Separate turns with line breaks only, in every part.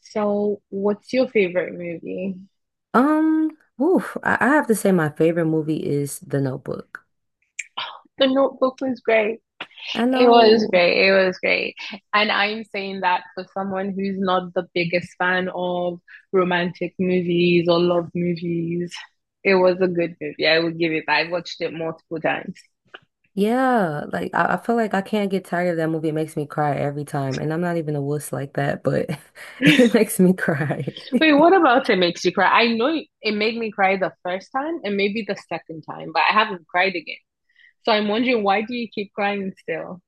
So, what's your favorite movie?
I have to say my favorite movie is The Notebook.
The Notebook was great.
I
It was
know,
great. It was great. And I'm saying that for someone who's not the biggest fan of romantic movies or love movies. It was a good movie. I will give it that. I watched it multiple times.
yeah, like I feel like I can't get tired of that movie. It makes me cry every time, and I'm not even a wuss like that, but it
Wait,
makes me cry.
what about it makes you cry? I know it made me cry the first time and maybe the second time, but I haven't cried again. So I'm wondering, why do you keep crying still?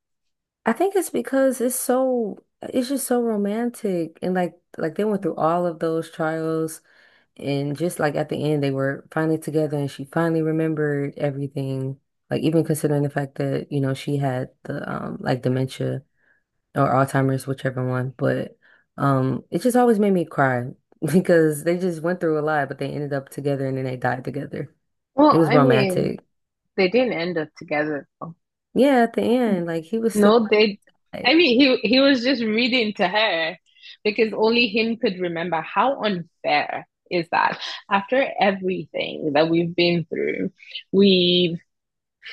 I think it's because it's just so romantic, and like they went through all of those trials, and just like at the end, they were finally together, and she finally remembered everything. Like even considering the fact that, you know, she had the like dementia or Alzheimer's, whichever one. But it just always made me cry because they just went through a lot, but they ended up together and then they died together. It
Well,
was
I mean,
romantic.
they didn't end up together though.
Yeah, at the end, like he was still
No, they, I
like,
mean, he was just reading to her because only him could remember. How unfair is that? After everything that we've been through, we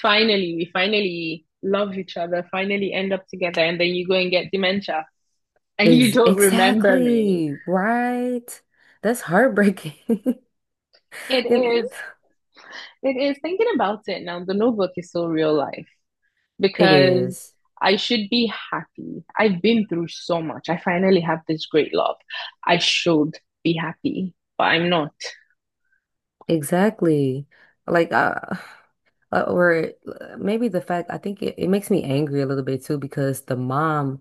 we finally love each other, finally end up together, and then you go and get dementia and you
ex
don't remember me.
exactly right. That's heartbreaking.
It
It,
is, it is thinking about it now. The notebook is so real life.
it
Because
is
I should be happy. I've been through so much. I finally have this great love. I should be happy, but I'm not.
exactly like or maybe the fact I think it makes me angry a little bit too because the mom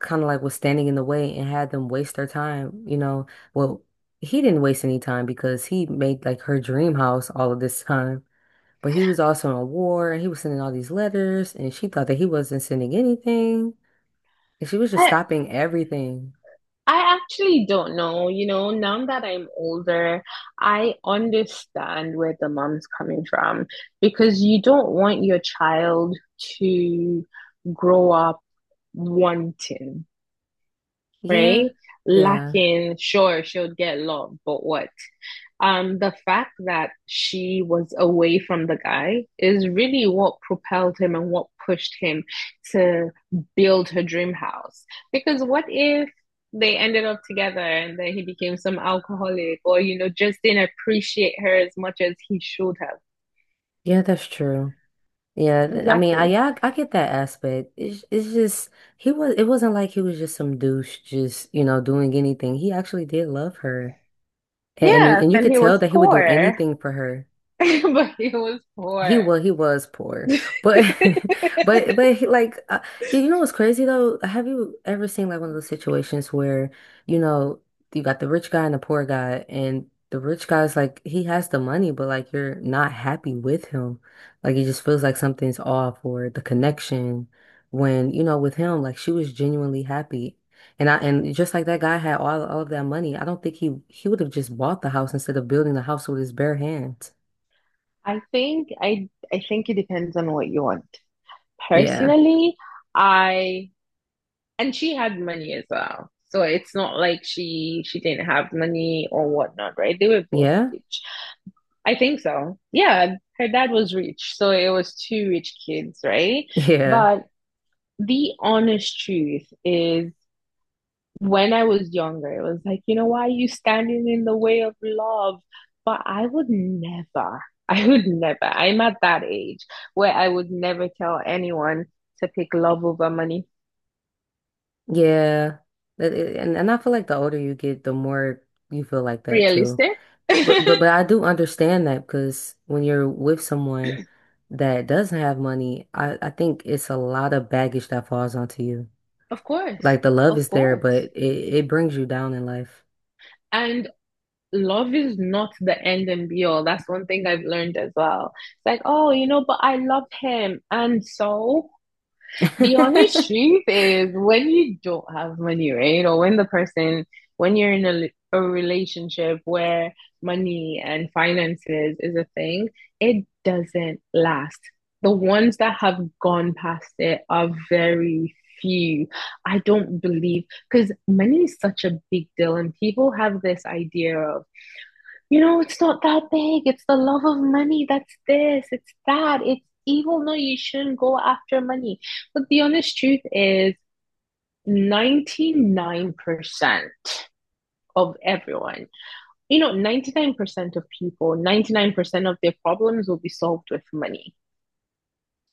kind of like was standing in the way and had them waste their time, you know. Well, he didn't waste any time because he made like her dream house all of this time. But he was also in a war and he was sending all these letters and she thought that he wasn't sending anything. And she was just
I
stopping everything.
I actually don't know. You know, now that I'm older, I understand where the mom's coming from because you don't want your child to grow up wanting,
Yeah.
right?
Yeah.
Lacking, sure, she'll get love, but what? The fact that she was away from the guy is really what propelled him and what pushed him to build her dream house. Because what if they ended up together and then he became some alcoholic or, you know, just didn't appreciate her as much as he should have?
Yeah, that's true. Yeah, I mean, I
Exactly.
yeah, I get that aspect. It's just he was it wasn't like he was just some douche just, you know, doing anything. He actually did love her. And
Yes,
and you
and
could
he
tell
was
that he would do
poor,
anything for her.
but he was
He
poor.
was he was poor, but but he, like you know what's crazy though? Have you ever seen like one of those situations where you know you got the rich guy and the poor guy, and the rich guy's like he has the money, but like you're not happy with him, like it just feels like something's off or the connection. When you know with him, like she was genuinely happy, and I and just like that guy had all of that money, I don't think he would have just bought the house instead of building the house with his bare hands.
I think it depends on what you want.
Yeah,
Personally, I, and she had money as well. So it's not like she didn't have money or whatnot, right? They were both
yeah.
rich. I think so. Yeah, her dad was rich, so it was two rich kids, right?
Yeah,
But the honest truth is, when I was younger, it was like, you know, why are you standing in the way of love? But I would never, I would never, I'm at that age where I would never tell anyone to pick love over money.
yeah, and I feel like the older you get, the more you feel like that too.
Realistic?
But but but I do understand that because when you're with someone that doesn't have money, I think it's a lot of baggage that falls onto you.
Of course,
Like the love
of
is there, but
course.
it brings you down in life.
And love is not the end and be all. That's one thing I've learned as well. It's like, oh, you know, but I love him. And so the honest truth is, when you don't have money, right? Or when the person, when you're in a relationship where money and finances is a thing, it doesn't last. The ones that have gone past it are very few. I don't believe because money is such a big deal, and people have this idea of, you know, it's not that big. It's the love of money. That's this. It's that. It's evil. No, you shouldn't go after money. But the honest truth is, 99% of everyone, you know, 99% of people, 99% of their problems will be solved with money.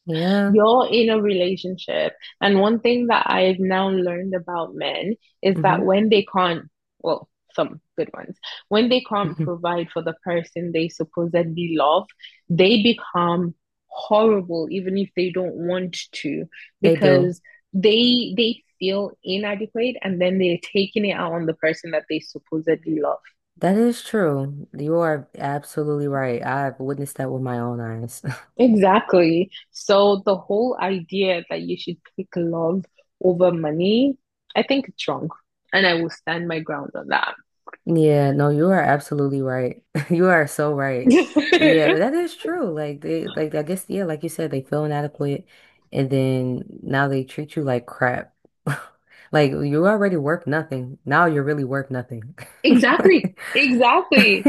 Yeah.
You're in a relationship. And one thing that I've now learned about men is
hmm
that when they can't, well, some good ones, when they can't
hmm
provide for the person they supposedly love, they become horrible even if they don't want to,
They do.
because they feel inadequate and then they're taking it out on the person that they supposedly love.
That is true. You are absolutely right. I've witnessed that with my own eyes.
Exactly. So the whole idea that you should pick love over money, I think it's wrong. And I will stand my ground on that.
Yeah, no, you are absolutely right. You are so right. Yeah, that is true. Like they like I guess yeah, like you said, they feel inadequate and then now they treat you like crap. Like you already worth nothing. Now you're really worth nothing.
Exactly. Exactly.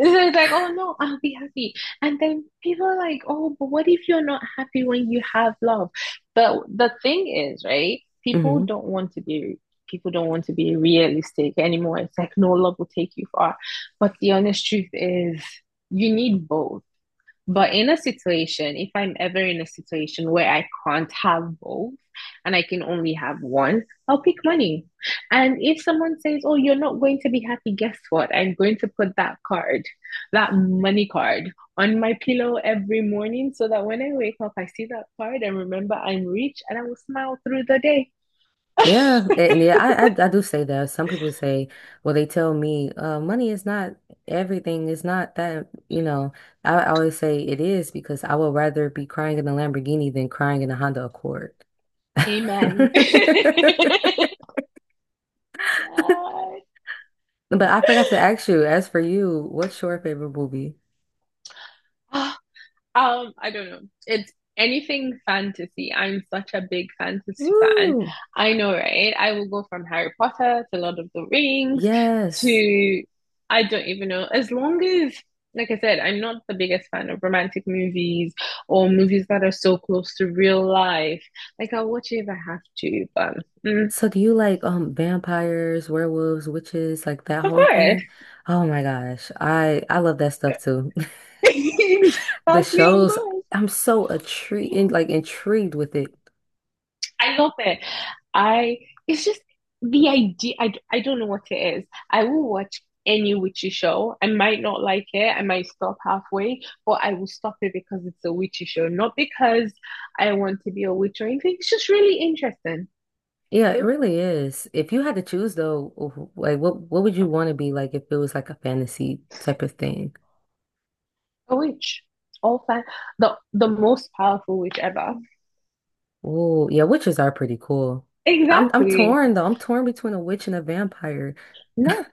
So it's like, oh no, I'll be happy. And then people are like, oh, but what if you're not happy when you have love? But the thing is, right? People
Hmm.
don't want to be, people don't want to be realistic anymore. It's like, no, love will take you far. But the honest truth is, you need both. But in a situation, if I'm ever in a situation where I can't have both and I can only have one, I'll pick money. And if someone says, oh, you're not going to be happy, guess what? I'm going to put that card, that money card, on my pillow every morning so that when I wake up, I see that card and remember I'm rich and I will smile through the day.
Yeah, and yeah, I do say that. Some people say, well, they tell me, money is not everything. It's not that, you know. I always say it is because I would rather be crying in a Lamborghini than crying in a Honda Accord.
Amen. God.
But I forgot to ask you, as for you, what's your favorite movie?
I don't know. It's anything fantasy. I'm such a big fantasy fan.
Woo!
I know, right? I will go from Harry Potter to Lord of the Rings
Yes.
to I don't even know. As long as, like I said, I'm not the biggest fan of romantic movies or movies that are so close to real life. Like I'll watch it if I have to, but mm,
So do you like vampires, werewolves, witches, like that
of
whole
course.
thing? Oh my gosh. I love that stuff too. The
Exactly, of
shows,
course.
I'm so intrigued, like intrigued with it.
I love it. I, it's just the idea. I don't know what it is. I will watch any witchy show. I might not like it. I might stop halfway, but I will stop it because it's a witchy show, not because I want to be a witch or anything. It's just really interesting.
Yeah, it really is. If you had to choose though, like what would you want to be like if it was like a fantasy type of thing?
A witch, all fan, the most powerful witch ever.
Oh, yeah, witches are pretty cool. I'm
Exactly.
torn though. I'm torn between a witch and a vampire.
No,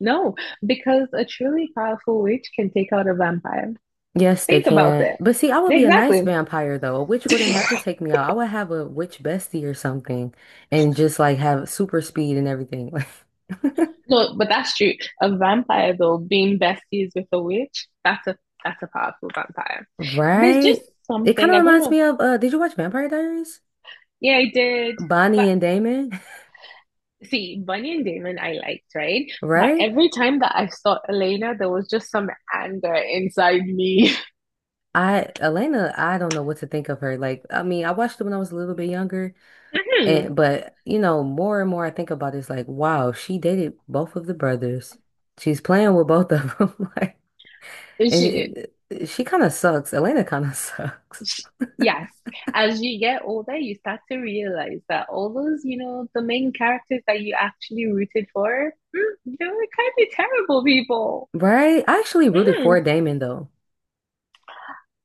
no, because a truly powerful witch can take out a vampire.
Yes, they
Think about
can.
it.
But see, I would be a nice
Exactly.
vampire though. A witch wouldn't have to take me out. I would have a witch bestie or something and just like have super speed and everything.
No, but that's true. A vampire though, being besties with a witch, that's a, that's a powerful vampire. There's just
Right? It kind
something,
of
I don't
reminds
know.
me of did you watch Vampire Diaries?
Yeah, I did.
Bonnie
But
and Damon,
see, Bunny and Damon I liked, right? But
right?
every time that I saw Elena, there was just some anger inside me.
I Elena, I don't know what to think of her. Like, I mean, I watched it when I was a little bit younger, and but you know, more and more I think about it, it's like, wow, she dated both of the brothers. She's playing with both of them. Like,
And she did.
it, she kind of sucks. Elena kind of sucks,
Sh, yes. As you get older, you start to realize that all those, you know, the main characters that you actually rooted for, hmm, they were kind of terrible people.
right? I actually rooted for
Mhm.
Damon though.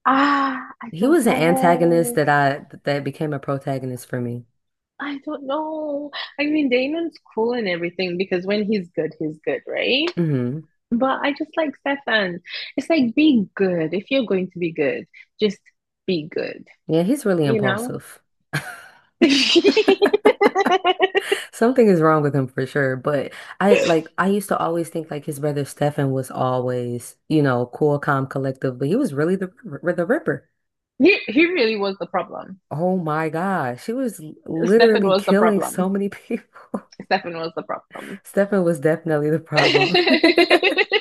Ah, I
He
don't
was an antagonist
know.
that became a protagonist for me.
I don't know. I mean, Damon's cool and everything because when he's good, right?
Hmm.
But I just like Stefan. It's like, be good. If you're going to be good, just be good,
Yeah, he's really
you know?
impulsive. Something is wrong with him for sure, but I like I used to always think like his brother Stefan was always, you know, cool, calm, collective, but he was really the Ripper.
He really was the problem.
Oh my gosh, he was
Stefan
literally
was the
killing so
problem.
many people.
Stefan was the problem.
Stefan was definitely the problem.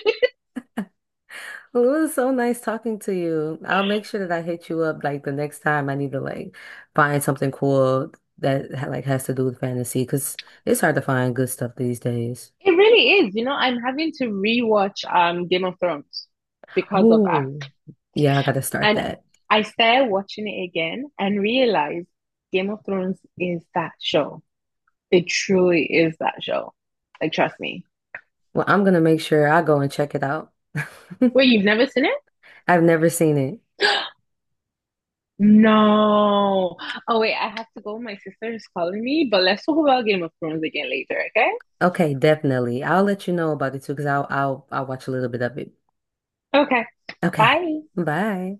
Well, it was so nice talking to you. I'll make sure that I hit you up like the next time I need to like find something cool like has to do with fantasy because it's hard to find good stuff these days.
It really is. You know, I'm having to rewatch Game of Thrones because of that.
Oh, yeah, I gotta start
And
that.
I started watching it again and realized Game of Thrones is that show. It truly is that show. Like, trust me.
Well, I'm gonna make sure I go and check it out.
Wait, you've never seen it?
I've never seen it.
No. Oh, wait, I have to go. My sister is calling me, but let's talk about Game of Thrones again later, okay?
Okay, definitely. I'll let you know about it too, because I'll watch a little bit of it.
Okay,
Okay.
bye.
Bye.